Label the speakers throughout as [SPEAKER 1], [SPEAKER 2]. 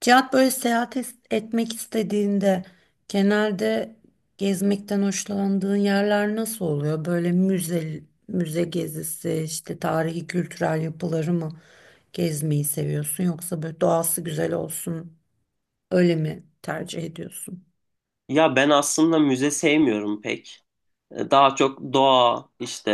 [SPEAKER 1] Cihat böyle seyahat etmek istediğinde genelde gezmekten hoşlandığın yerler nasıl oluyor? Böyle müze gezisi, işte tarihi kültürel yapıları mı gezmeyi seviyorsun yoksa böyle doğası güzel olsun öyle mi tercih ediyorsun?
[SPEAKER 2] Ya ben aslında müze sevmiyorum pek. Daha çok doğa, işte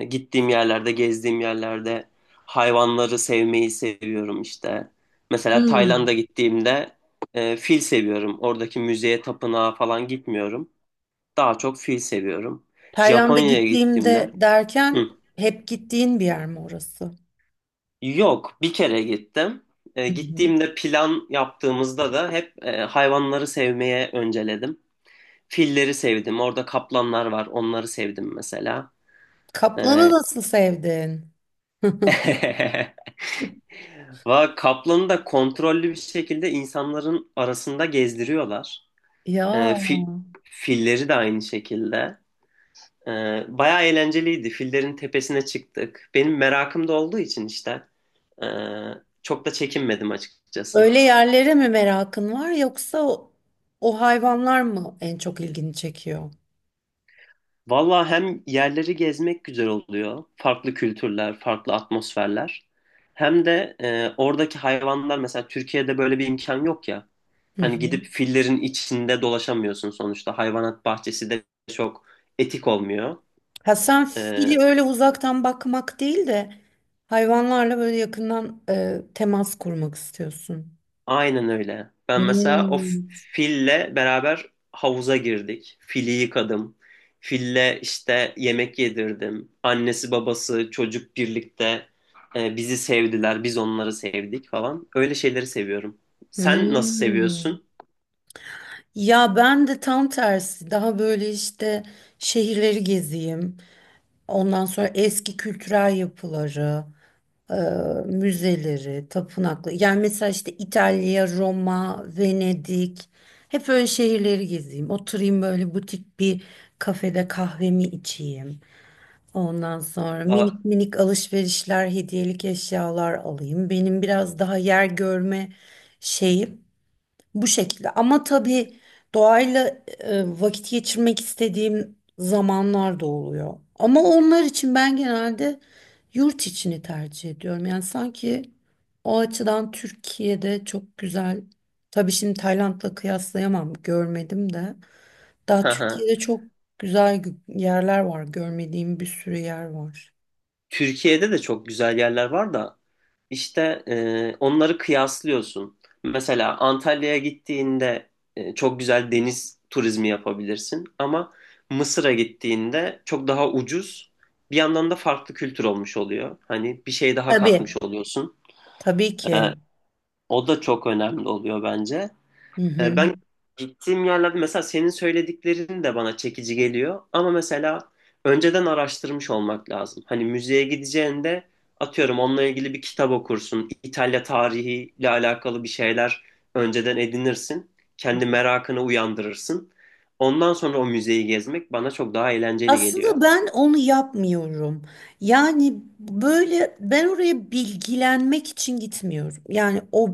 [SPEAKER 2] gittiğim yerlerde, gezdiğim yerlerde hayvanları sevmeyi seviyorum işte. Mesela Tayland'a
[SPEAKER 1] Hmm.
[SPEAKER 2] gittiğimde fil seviyorum. Oradaki müzeye, tapınağa falan gitmiyorum. Daha çok fil seviyorum.
[SPEAKER 1] Tayland'a
[SPEAKER 2] Japonya'ya gittiğimde...
[SPEAKER 1] gittiğimde derken
[SPEAKER 2] Hı.
[SPEAKER 1] hep gittiğin bir yer mi orası?
[SPEAKER 2] Yok, bir kere gittim. E,
[SPEAKER 1] Hı hı.
[SPEAKER 2] gittiğimde plan yaptığımızda da hep hayvanları sevmeye önceledim. Filleri sevdim. Orada kaplanlar var. Onları sevdim mesela.
[SPEAKER 1] Kaplanı
[SPEAKER 2] Ee,
[SPEAKER 1] nasıl sevdin?
[SPEAKER 2] kaplanı da kontrollü bir şekilde insanların arasında gezdiriyorlar.
[SPEAKER 1] Ya.
[SPEAKER 2] Ee, fi- filleri de aynı şekilde. Bayağı eğlenceliydi. Fillerin tepesine çıktık. Benim merakım da olduğu için işte ee, çok da çekinmedim açıkçası.
[SPEAKER 1] Öyle yerlere mi merakın var yoksa o hayvanlar mı en çok ilgini çekiyor?
[SPEAKER 2] Valla, hem yerleri gezmek güzel oluyor. Farklı kültürler, farklı atmosferler. Hem de oradaki hayvanlar, mesela Türkiye'de böyle bir imkan yok ya.
[SPEAKER 1] Hı
[SPEAKER 2] Hani
[SPEAKER 1] hı.
[SPEAKER 2] gidip fillerin içinde dolaşamıyorsun sonuçta. Hayvanat bahçesi de çok etik olmuyor.
[SPEAKER 1] Ha, sen fili
[SPEAKER 2] E,
[SPEAKER 1] öyle uzaktan bakmak değil de hayvanlarla böyle yakından temas kurmak istiyorsun.
[SPEAKER 2] Aynen öyle. Ben mesela o
[SPEAKER 1] Hmm.
[SPEAKER 2] fille beraber havuza girdik. Fili yıkadım. Fille işte yemek yedirdim. Annesi, babası, çocuk birlikte bizi sevdiler. Biz onları sevdik falan. Öyle şeyleri seviyorum. Sen nasıl
[SPEAKER 1] Hmm.
[SPEAKER 2] seviyorsun?
[SPEAKER 1] Ya ben de tam tersi daha böyle işte şehirleri gezeyim. Ondan sonra eski kültürel yapıları, e, müzeleri, tapınaklı. Yani mesela işte İtalya, Roma, Venedik. Hep öyle şehirleri gezeyim. Oturayım böyle butik bir kafede kahvemi içeyim. Ondan sonra
[SPEAKER 2] Va-
[SPEAKER 1] minik minik alışverişler, hediyelik eşyalar alayım. Benim biraz daha yer görme şeyim. Bu şekilde. Ama tabii doğayla vakit geçirmek istediğim zamanlar da oluyor. Ama onlar için ben genelde yurt içini tercih ediyorum. Yani sanki o açıdan Türkiye'de çok güzel. Tabii şimdi Tayland'la kıyaslayamam, görmedim de. Daha
[SPEAKER 2] Hı hı.
[SPEAKER 1] Türkiye'de çok güzel yerler var. Görmediğim bir sürü yer var.
[SPEAKER 2] Türkiye'de de çok güzel yerler var da İşte onları kıyaslıyorsun. Mesela Antalya'ya gittiğinde çok güzel deniz turizmi yapabilirsin ama Mısır'a gittiğinde çok daha ucuz. Bir yandan da farklı kültür olmuş oluyor. Hani bir şey daha katmış
[SPEAKER 1] Tabii,
[SPEAKER 2] oluyorsun.
[SPEAKER 1] tabii
[SPEAKER 2] E,
[SPEAKER 1] ki.
[SPEAKER 2] o da çok önemli oluyor bence.
[SPEAKER 1] Hı hı.
[SPEAKER 2] Ben gittiğim yerlerde, mesela senin söylediklerin de bana çekici geliyor. Ama mesela önceden araştırmış olmak lazım. Hani müzeye gideceğinde, atıyorum, onunla ilgili bir kitap okursun. İtalya tarihiyle alakalı bir şeyler önceden edinirsin. Kendi merakını uyandırırsın. Ondan sonra o müzeyi gezmek bana çok daha eğlenceli geliyor.
[SPEAKER 1] Aslında ben onu yapmıyorum. Yani böyle ben oraya bilgilenmek için gitmiyorum. Yani o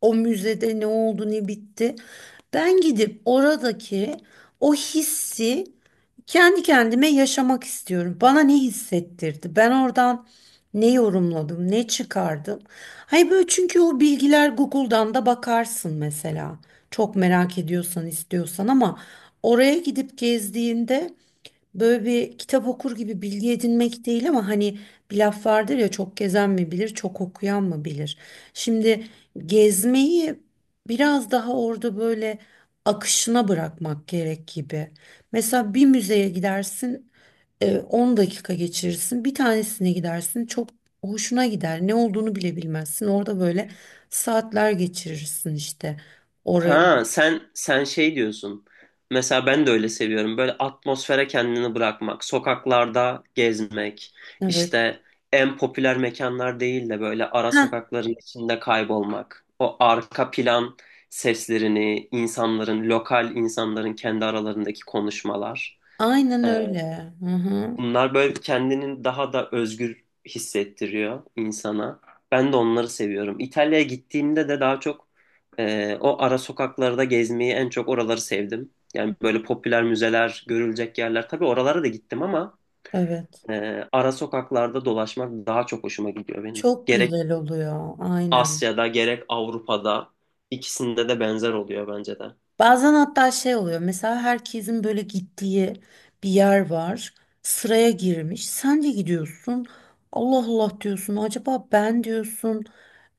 [SPEAKER 1] o müzede ne oldu ne bitti. Ben gidip oradaki o hissi kendi kendime yaşamak istiyorum. Bana ne hissettirdi? Ben oradan ne yorumladım, ne çıkardım? Hayır böyle, çünkü o bilgiler Google'dan da bakarsın mesela. Çok merak ediyorsan, istiyorsan, ama oraya gidip gezdiğinde böyle bir kitap okur gibi bilgi edinmek değil, ama hani bir laf vardır ya, çok gezen mi bilir, çok okuyan mı bilir. Şimdi gezmeyi biraz daha orada böyle akışına bırakmak gerek gibi. Mesela bir müzeye gidersin, 10 dakika geçirirsin, bir tanesine gidersin, çok hoşuna gider. Ne olduğunu bile bilmezsin. Orada böyle saatler geçirirsin işte orayı.
[SPEAKER 2] Ha, sen şey diyorsun. Mesela ben de öyle seviyorum. Böyle atmosfere kendini bırakmak, sokaklarda gezmek,
[SPEAKER 1] Evet.
[SPEAKER 2] işte en popüler mekanlar değil de böyle ara
[SPEAKER 1] Ha,
[SPEAKER 2] sokakların içinde kaybolmak. O arka plan seslerini, insanların, lokal insanların kendi aralarındaki konuşmalar.
[SPEAKER 1] aynen öyle. Hı hı.
[SPEAKER 2] Bunlar böyle kendini daha da özgür hissettiriyor insana. Ben de onları seviyorum. İtalya'ya gittiğimde de daha çok o ara sokaklarda gezmeyi, en çok oraları sevdim. Yani böyle popüler müzeler, görülecek yerler. Tabii oralara da gittim ama
[SPEAKER 1] Evet.
[SPEAKER 2] ara sokaklarda dolaşmak daha çok hoşuma gidiyor benim.
[SPEAKER 1] Çok
[SPEAKER 2] Gerek
[SPEAKER 1] güzel oluyor, aynen.
[SPEAKER 2] Asya'da gerek Avrupa'da ikisinde de benzer oluyor bence de.
[SPEAKER 1] Bazen hatta şey oluyor, mesela herkesin böyle gittiği bir yer var, sıraya girmiş, sen de gidiyorsun, Allah Allah diyorsun, acaba ben diyorsun,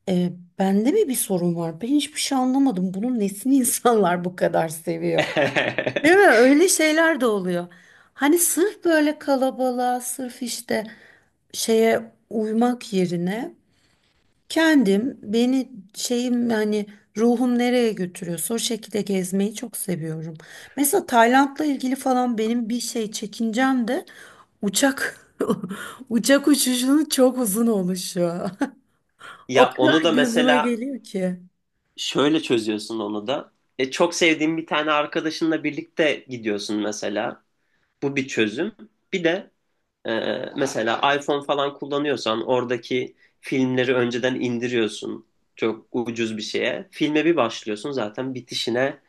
[SPEAKER 1] e, bende mi bir sorun var? Ben hiçbir şey anlamadım, bunun nesini insanlar bu kadar seviyor? Değil mi? Öyle şeyler de oluyor. Hani sırf böyle kalabalığa, sırf işte şeye uymak yerine kendim beni şeyim yani ruhum nereye götürüyorsa o şekilde gezmeyi çok seviyorum. Mesela Tayland'la ilgili falan benim bir şey çekincem de uçak uçak uçuşunun çok uzun oluşu. O
[SPEAKER 2] Ya,
[SPEAKER 1] kadar
[SPEAKER 2] onu da
[SPEAKER 1] gözüme
[SPEAKER 2] mesela
[SPEAKER 1] geliyor ki.
[SPEAKER 2] şöyle çözüyorsun onu da. Çok sevdiğin bir tane arkadaşınla birlikte gidiyorsun mesela. Bu bir çözüm. Bir de e, mesela iPhone falan kullanıyorsan oradaki filmleri önceden indiriyorsun. Çok ucuz bir şeye. Filme bir başlıyorsun, zaten bitişine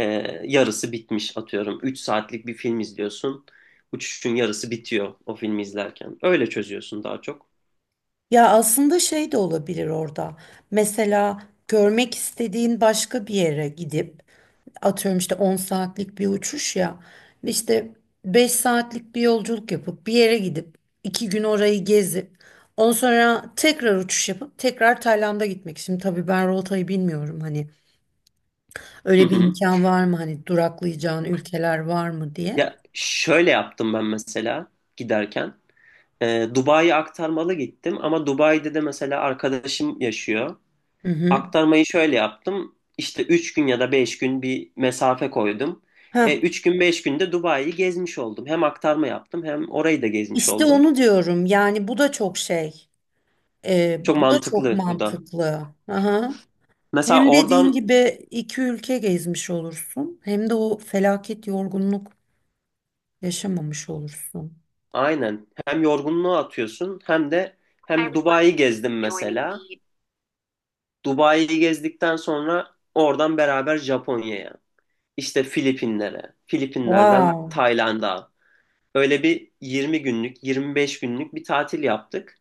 [SPEAKER 2] e, yarısı bitmiş, atıyorum. 3 saatlik bir film izliyorsun. Uçuşun yarısı bitiyor o filmi izlerken. Öyle çözüyorsun daha çok.
[SPEAKER 1] Ya aslında şey de olabilir orada. Mesela görmek istediğin başka bir yere gidip atıyorum işte 10 saatlik bir uçuş ya işte 5 saatlik bir yolculuk yapıp bir yere gidip 2 gün orayı gezip ondan sonra tekrar uçuş yapıp tekrar Tayland'a gitmek. Şimdi tabii ben rotayı bilmiyorum, hani
[SPEAKER 2] Hı
[SPEAKER 1] öyle bir
[SPEAKER 2] hı.
[SPEAKER 1] imkan var mı, hani duraklayacağın ülkeler var mı diye.
[SPEAKER 2] Ya, şöyle yaptım ben mesela giderken. Dubai'ye aktarmalı gittim ama Dubai'de de mesela arkadaşım yaşıyor.
[SPEAKER 1] Hı hı.
[SPEAKER 2] Aktarmayı şöyle yaptım. İşte 3 gün ya da 5 gün bir mesafe koydum.
[SPEAKER 1] Heh,
[SPEAKER 2] 3 gün 5 günde Dubai'yi gezmiş oldum. Hem aktarma yaptım hem orayı da gezmiş
[SPEAKER 1] işte
[SPEAKER 2] oldum.
[SPEAKER 1] onu diyorum yani bu da çok şey.
[SPEAKER 2] Çok
[SPEAKER 1] Bu da çok
[SPEAKER 2] mantıklı bu da.
[SPEAKER 1] mantıklı. Aha.
[SPEAKER 2] Mesela
[SPEAKER 1] Hem dediğin
[SPEAKER 2] oradan,
[SPEAKER 1] gibi iki ülke gezmiş olursun, hem de o felaket yorgunluk yaşamamış olursun.
[SPEAKER 2] aynen, hem yorgunluğu atıyorsun hem de hem Dubai'yi gezdim mesela. Dubai'yi gezdikten sonra oradan beraber Japonya'ya, işte Filipinlere, Filipinlerden
[SPEAKER 1] Wow,
[SPEAKER 2] Tayland'a. Öyle bir 20 günlük, 25 günlük bir tatil yaptık.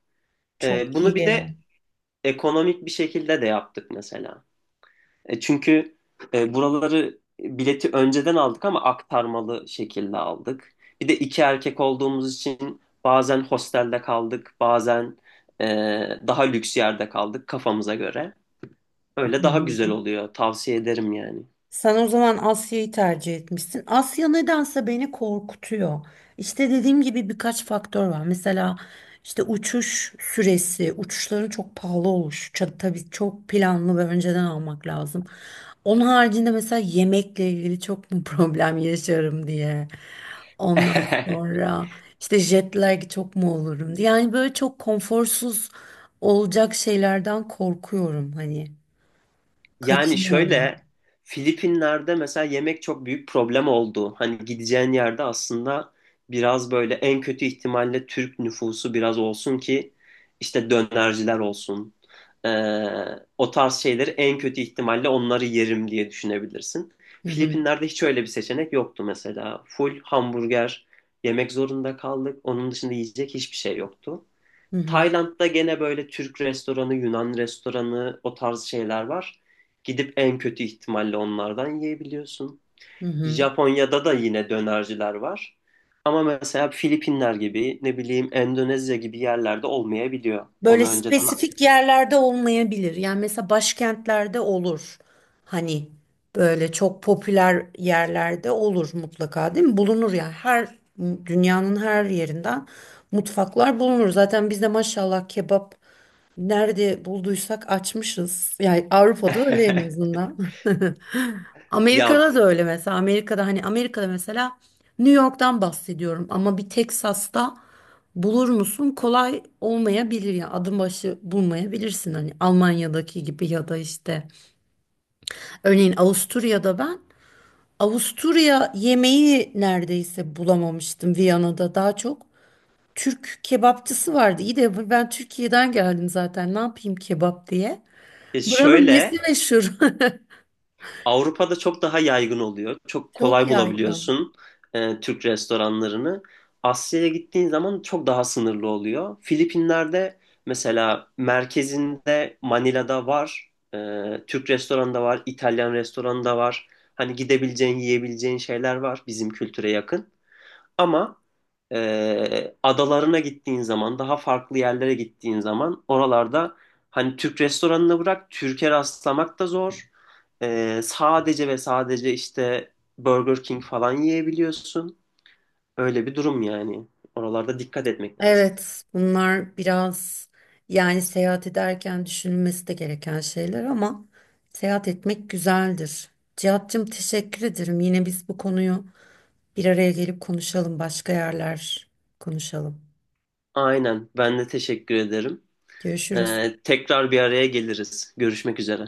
[SPEAKER 2] Ee,
[SPEAKER 1] çok
[SPEAKER 2] bunu bir de
[SPEAKER 1] iyi.
[SPEAKER 2] ekonomik bir şekilde de yaptık mesela. Çünkü buraları bileti önceden aldık ama aktarmalı şekilde aldık. Bir de iki erkek olduğumuz için bazen hostelde kaldık, bazen e, daha lüks yerde kaldık kafamıza göre. Öyle
[SPEAKER 1] Hı
[SPEAKER 2] daha güzel
[SPEAKER 1] hı.
[SPEAKER 2] oluyor. Tavsiye ederim yani.
[SPEAKER 1] Sen o zaman Asya'yı tercih etmişsin. Asya nedense beni korkutuyor. İşte dediğim gibi birkaç faktör var. Mesela işte uçuş süresi, uçuşların çok pahalı oluşu. Tabii çok planlı ve önceden almak lazım. Onun haricinde mesela yemekle ilgili çok mu problem yaşarım diye. Ondan sonra işte jet lag çok mu olurum diye. Yani böyle çok konforsuz olacak şeylerden korkuyorum hani.
[SPEAKER 2] Yani şöyle,
[SPEAKER 1] Kaçınıyorum.
[SPEAKER 2] Filipinler'de mesela yemek çok büyük problem oldu. Hani gideceğin yerde aslında biraz böyle en kötü ihtimalle Türk nüfusu biraz olsun ki işte dönerciler olsun. Ee, o tarz şeyleri en kötü ihtimalle onları yerim diye düşünebilirsin.
[SPEAKER 1] Hı hı.
[SPEAKER 2] Filipinler'de hiç öyle bir seçenek yoktu mesela. Full hamburger yemek zorunda kaldık. Onun dışında yiyecek hiçbir şey yoktu.
[SPEAKER 1] Hı hı.
[SPEAKER 2] Tayland'da gene böyle Türk restoranı, Yunan restoranı, o tarz şeyler var. Gidip en kötü ihtimalle onlardan yiyebiliyorsun.
[SPEAKER 1] Hı hı.
[SPEAKER 2] Japonya'da da yine dönerciler var. Ama mesela Filipinler gibi, ne bileyim, Endonezya gibi yerlerde olmayabiliyor.
[SPEAKER 1] Böyle
[SPEAKER 2] Onu önceden...
[SPEAKER 1] spesifik yerlerde olmayabilir. Yani mesela başkentlerde olur. Hani böyle çok popüler yerlerde olur mutlaka değil mi? Bulunur ya. Her dünyanın her yerinden mutfaklar bulunur. Zaten biz de maşallah kebap nerede bulduysak açmışız. Yani Avrupa'da öyle en azından.
[SPEAKER 2] Ya,
[SPEAKER 1] Amerika'da da öyle mesela. Amerika'da, hani Amerika'da mesela New York'tan bahsediyorum, ama bir Texas'ta bulur musun? Kolay olmayabilir ya. Adım başı bulmayabilirsin hani Almanya'daki gibi ya da işte örneğin Avusturya'da ben Avusturya yemeği neredeyse bulamamıştım Viyana'da daha çok. Türk kebapçısı vardı. İyi de ben Türkiye'den geldim zaten. Ne yapayım kebap diye.
[SPEAKER 2] e,
[SPEAKER 1] Buranın nesi
[SPEAKER 2] şöyle,
[SPEAKER 1] meşhur?
[SPEAKER 2] Avrupa'da çok daha yaygın oluyor. Çok
[SPEAKER 1] Çok
[SPEAKER 2] kolay
[SPEAKER 1] yaygın.
[SPEAKER 2] bulabiliyorsun Türk restoranlarını. Asya'ya gittiğin zaman çok daha sınırlı oluyor. Filipinler'de mesela merkezinde, Manila'da var. Türk restoranı da var, İtalyan restoranı da var. Hani gidebileceğin, yiyebileceğin şeyler var bizim kültüre yakın. Ama adalarına gittiğin zaman, daha farklı yerlere gittiğin zaman, oralarda hani Türk restoranını bırak, Türkiye rastlamak da zor. Sadece ve sadece işte Burger King falan yiyebiliyorsun. Öyle bir durum yani. Oralarda dikkat etmek lazım.
[SPEAKER 1] Evet, bunlar biraz yani seyahat ederken düşünülmesi de gereken şeyler, ama seyahat etmek güzeldir. Cihat'cığım, teşekkür ederim. Yine biz bu konuyu bir araya gelip konuşalım. Başka yerler konuşalım.
[SPEAKER 2] Aynen. Ben de teşekkür ederim.
[SPEAKER 1] Görüşürüz.
[SPEAKER 2] Tekrar bir araya geliriz. Görüşmek üzere.